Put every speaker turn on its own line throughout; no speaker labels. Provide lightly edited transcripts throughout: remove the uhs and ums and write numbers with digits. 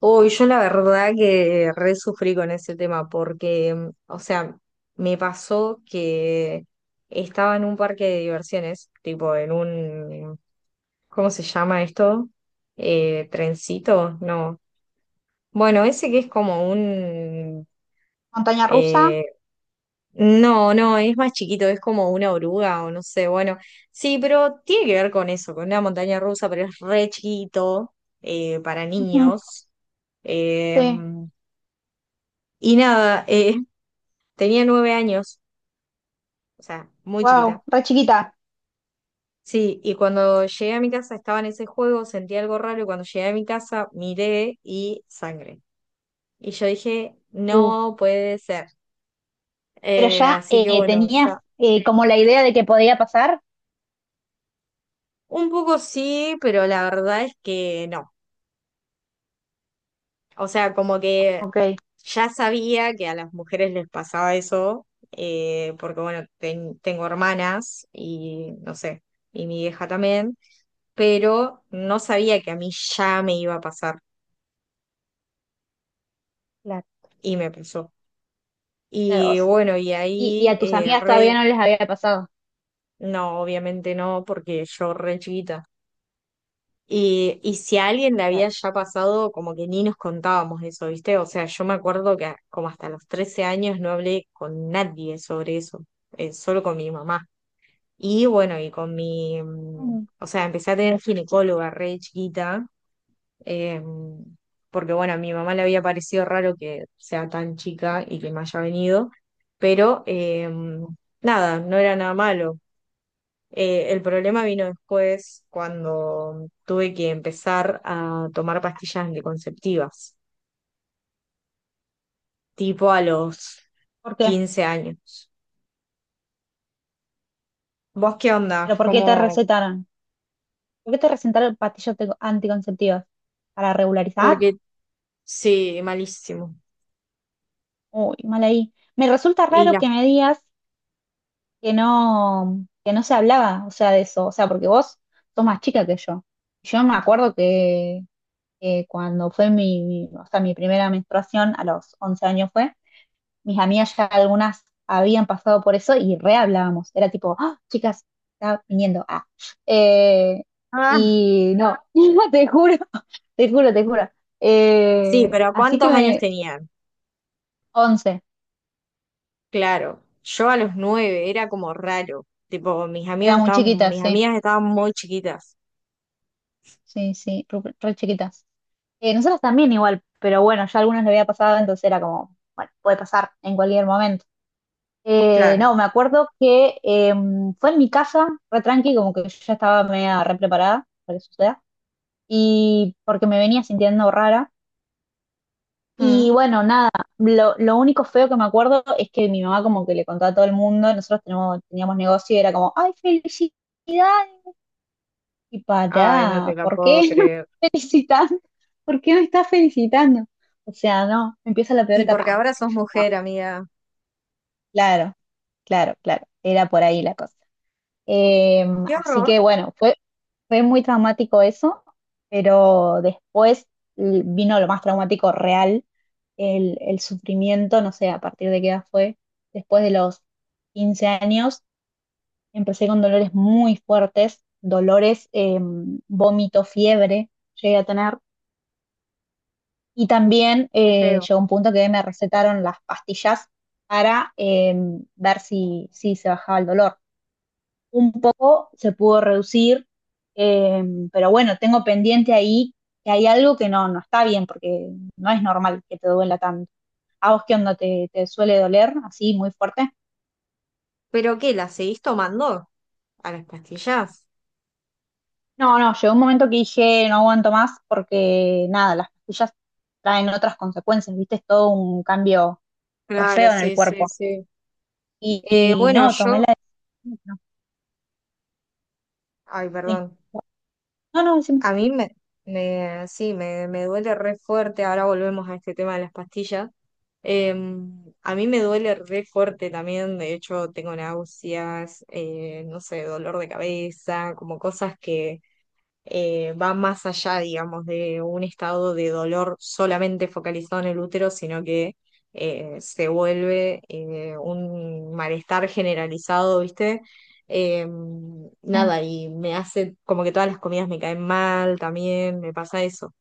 Uy, yo la verdad que re sufrí con ese tema porque, o sea, me pasó que estaba en un parque de diversiones, tipo en un, ¿cómo se llama esto? Trencito, no. Bueno, ese que es como un...
Montaña rusa.
eh, no, no, es más chiquito, es como una oruga o no sé, bueno, sí, pero tiene que ver con eso, con una montaña rusa, pero es re chiquito para
Ujú,
niños. Eh,
sí,
y nada, tenía 9 años, o sea, muy
wow,
chiquita.
re chiquita.
Sí, y cuando llegué a mi casa estaba en ese juego, sentí algo raro y cuando llegué a mi casa miré y sangre. Y yo dije,
Uh,
no puede ser.
pero ya
Así que bueno, o
tenías
sea,
como la idea de que podía pasar.
un poco sí, pero la verdad es que no. O sea, como que
Ok,
ya sabía que a las mujeres les pasaba eso, porque bueno, tengo hermanas y no sé, y mi hija también, pero no sabía que a mí ya me iba a pasar
claro.
y me pasó.
Claro.
Y
Vos.
bueno, y
Y
ahí,
a tus amigas todavía no les había pasado.
no, obviamente no, porque yo re chiquita. Y si a alguien le había
Claro.
ya pasado, como que ni nos contábamos eso, ¿viste? O sea, yo me acuerdo que como hasta los 13 años no hablé con nadie sobre eso, solo con mi mamá. Y bueno, y con mi,
Mm,
o sea, empecé a tener ginecóloga re chiquita, eh, porque bueno, a mi mamá le había parecido raro que sea tan chica y que me haya venido, pero nada, no era nada malo. El problema vino después cuando tuve que empezar a tomar pastillas anticonceptivas, tipo a los
¿por qué?
15 años. ¿Vos qué onda?
¿Pero por qué te
¿Cómo?
recetaron? ¿Por qué te recetaron pastillas anticonceptivas? ¿Para regularizar?
Porque sí, malísimo.
Uy, mal ahí. Me resulta
Y
raro
las...
que me digas que no se hablaba, o sea, de eso. O sea, porque vos sos más chica que yo. Yo me acuerdo que cuando fue o sea, mi primera menstruación, a los 11 años fue, mis amigas ya algunas habían pasado por eso y re hablábamos. Era tipo, "Ah, chicas, está viniendo. Ah. Eh,
Ah,
y no, te juro, te juro.
sí, pero
Así que
¿cuántos años tenían?
11,
Claro, yo a los nueve era como raro. Tipo,
eran muy chiquitas,
mis
sí,
amigas estaban muy chiquitas.
sí, sí, re chiquitas. Nosotras también igual, pero bueno, ya algunas le había pasado, entonces era como, bueno, puede pasar en cualquier momento.
Claro.
No, me acuerdo que fue en mi casa, re tranqui, como que yo ya estaba media re preparada para que suceda, y porque me venía sintiendo rara. Y
Mm.
bueno, nada, lo único feo que me acuerdo es que mi mamá como que le contaba a todo el mundo, teníamos negocio y era como, ¡ay, felicidades! Y
Ay, no te
pará,
la
¿por
puedo
qué me
creer.
felicitan? ¿Por qué me estás felicitando? O sea, no, empieza la peor
Y porque
etapa.
ahora sos
Ah, no,
mujer, amiga.
claro, claro, claro, era por ahí la cosa. Eh,
Qué
así
horror,
que bueno, fue muy traumático eso, pero después vino lo más traumático real, el sufrimiento, no sé a partir de qué edad fue, después de los 15 años empecé con dolores muy fuertes, dolores, vómito, fiebre llegué a tener, y también
qué feo.
llegó un punto que me recetaron las pastillas para ver si se bajaba el dolor un poco se pudo reducir, eh, pero bueno, tengo pendiente ahí que hay algo que no, no está bien, porque no es normal que te duela tanto. ¿A vos qué onda? Te suele doler así muy fuerte?
¿Pero qué? ¿La seguís tomando? ¿A las pastillas?
No, no, llegó un momento que dije no aguanto más porque nada, las pastillas traen otras consecuencias, viste, es todo un cambio re
Claro,
feo en el
sí, sí,
cuerpo.
sí.
Y, y
Bueno,
no, tomé
yo,
la decisión.
ay,
No, sí.
perdón,
No, no, sí.
a mí me, me sí, me duele re fuerte, ahora volvemos a este tema de las pastillas. A mí me duele re fuerte también, de hecho tengo náuseas, no sé, dolor de cabeza, como cosas que va más allá, digamos, de un estado de dolor solamente focalizado en el útero, sino que se vuelve un malestar generalizado, ¿viste? Eh,
Eh,
nada, y me hace como que todas las comidas me caen mal también, me pasa eso.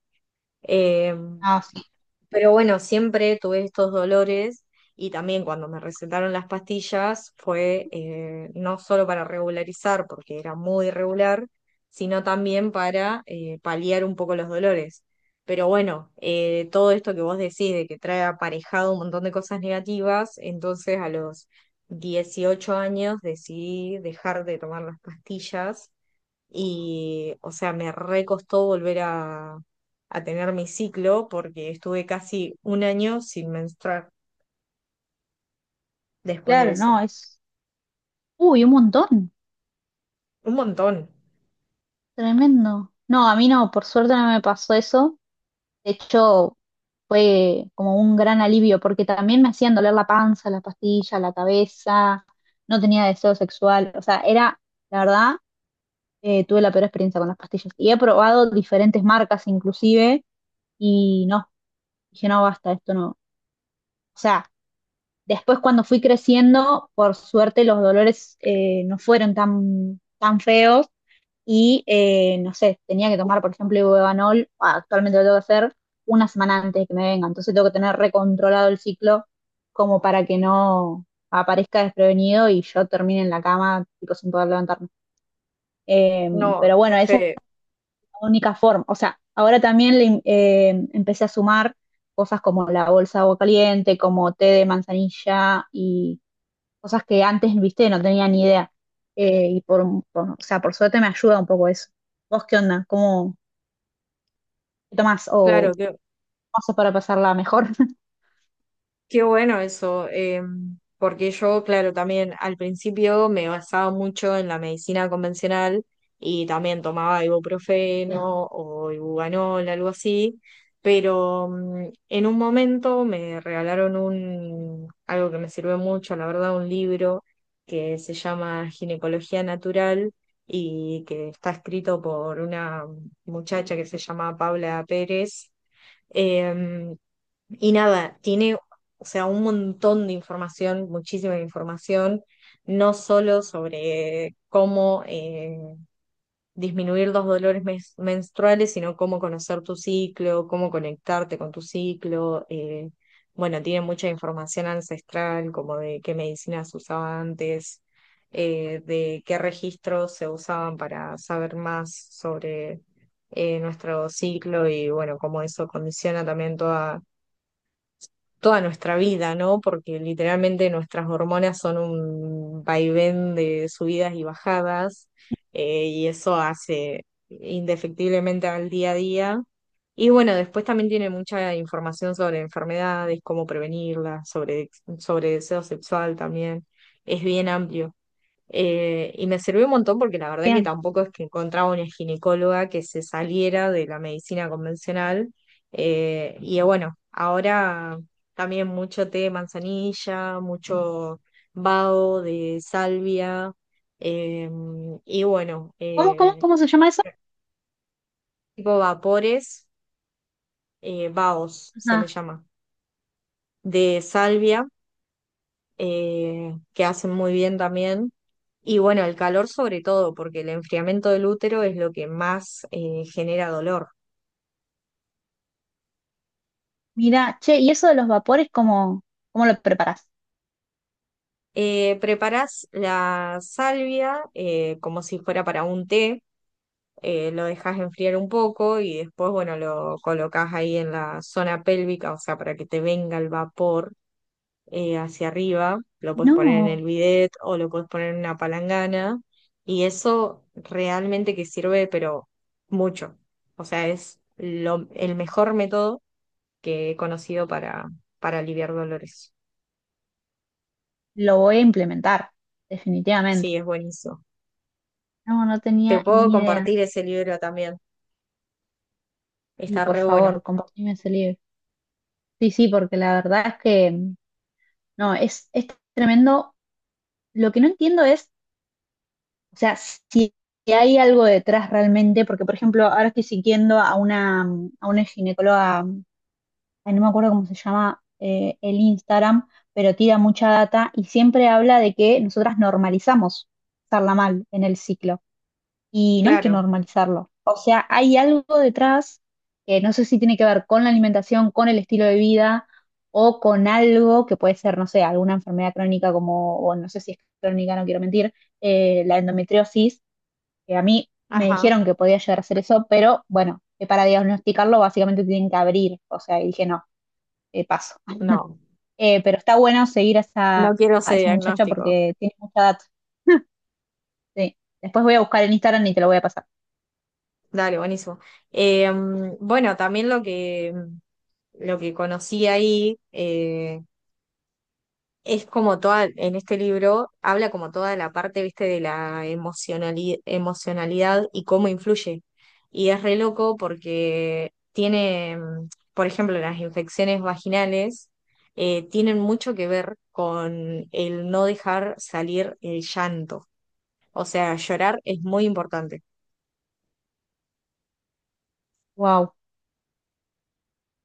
Eh,
ah, sí.
pero bueno, siempre tuve estos dolores y también cuando me recetaron las pastillas fue no solo para regularizar, porque era muy irregular, sino también para paliar un poco los dolores. Pero bueno, todo esto que vos decís de que trae aparejado un montón de cosas negativas, entonces a los 18 años decidí dejar de tomar las pastillas y, o sea, me recostó a tener mi ciclo porque estuve casi un año sin menstruar después de
Claro, no,
eso.
es. Uy, un montón.
Un montón.
Tremendo. No, a mí no, por suerte no me pasó eso. De hecho, fue como un gran alivio, porque también me hacían doler la panza, la pastilla, la cabeza, no tenía deseo sexual. O sea, era, la verdad, tuve la peor experiencia con las pastillas. Y he probado diferentes marcas inclusive, y no, dije, no, basta, esto no. O sea, después cuando fui creciendo, por suerte los dolores no fueron tan, tan feos y, no sé, tenía que tomar, por ejemplo, Ibuevanol, actualmente lo tengo que hacer una semana antes de que me venga, entonces tengo que tener recontrolado el ciclo como para que no aparezca desprevenido y yo termine en la cama, tipo, sin poder levantarme. Eh,
No,
pero
qué
bueno, esa es
feo.
la única forma. O sea, ahora también le, empecé a sumar cosas como la bolsa de agua caliente, como té de manzanilla y cosas que antes, viste, no tenía ni idea. Y o sea, por suerte me ayuda un poco eso. ¿Vos qué onda? ¿Cómo qué tomás? ¿O cómo
Claro, qué,
haces para pasarla mejor?
Qué bueno eso, porque yo, claro, también al principio me basaba mucho en la medicina convencional y también tomaba ibuprofeno o ibuganol, algo así, pero en un momento me regalaron un, algo que me sirvió mucho, la verdad, un libro que se llama Ginecología Natural y que está escrito por una muchacha que se llama Paula Pérez. Em, y nada, tiene, o sea, un montón de información, muchísima información, no solo sobre cómo disminuir los dolores menstruales, sino cómo conocer tu ciclo, cómo conectarte con tu ciclo. Bueno, tiene mucha información ancestral, como de qué medicinas usaba antes, de qué registros se usaban para saber más sobre nuestro ciclo y bueno, cómo eso condiciona también toda nuestra vida, ¿no? Porque literalmente nuestras hormonas son un vaivén de subidas y bajadas, y eso hace indefectiblemente al día a día. Y bueno, después también tiene mucha información sobre enfermedades, cómo prevenirlas, sobre deseo sexual también. Es bien amplio. Y me sirvió un montón porque la verdad que
Bien.
tampoco es que encontraba una ginecóloga que se saliera de la medicina convencional. Y bueno, ahora también mucho té de manzanilla, mucho vaho de salvia, eh, y bueno, eh,
Cómo se llama eso?
tipo vapores, vahos se le
Ajá.
llama, de salvia que hacen muy bien también. Y bueno, el calor sobre todo, porque el enfriamiento del útero es lo que más genera dolor.
Mira, che, ¿y eso de los vapores, cómo lo preparás?
Preparás la salvia como si fuera para un té, lo dejas enfriar un poco y después, bueno, lo colocas ahí en la zona pélvica, o sea, para que te venga el vapor hacia arriba, lo puedes poner en
No,
el bidet o lo puedes poner en una palangana y eso realmente que sirve, pero mucho. O sea, es lo, el mejor método que he conocido para aliviar dolores.
lo voy a implementar, definitivamente.
Sí, es buenísimo.
No, no
Te
tenía
puedo
ni idea.
compartir ese libro también.
Y
Está
por
re bueno.
favor, compartime ese libro. Sí, sí, porque la verdad es que, no, es tremendo. Lo que no entiendo es, o sea, si hay algo detrás realmente, porque por ejemplo, ahora estoy siguiendo a a una ginecóloga, ay, no me acuerdo cómo se llama el Instagram, pero tira mucha data y siempre habla de que nosotras normalizamos estarla mal en el ciclo y no hay que
Claro.
normalizarlo. O sea, hay algo detrás que no sé si tiene que ver con la alimentación, con el estilo de vida o con algo que puede ser, no sé, alguna enfermedad crónica como, o no sé si es crónica, no quiero mentir, la endometriosis, que a mí me
Ajá.
dijeron que podía llegar a hacer eso, pero bueno, que para diagnosticarlo básicamente tienen que abrir, o sea, y dije no, paso.
No,
Pero está bueno seguir a
no quiero
a
ese
esa muchacha
diagnóstico.
porque tiene mucha data. Sí. Después voy a buscar en Instagram y te lo voy a pasar.
Dale, buenísimo. Eh, bueno, también lo que conocí ahí, es como toda, en este libro habla como toda la parte, viste, de la emocionalidad y cómo influye. Y es re loco porque tiene, por ejemplo, las infecciones vaginales tienen mucho que ver con el no dejar salir el llanto. O sea, llorar es muy importante.
Wow.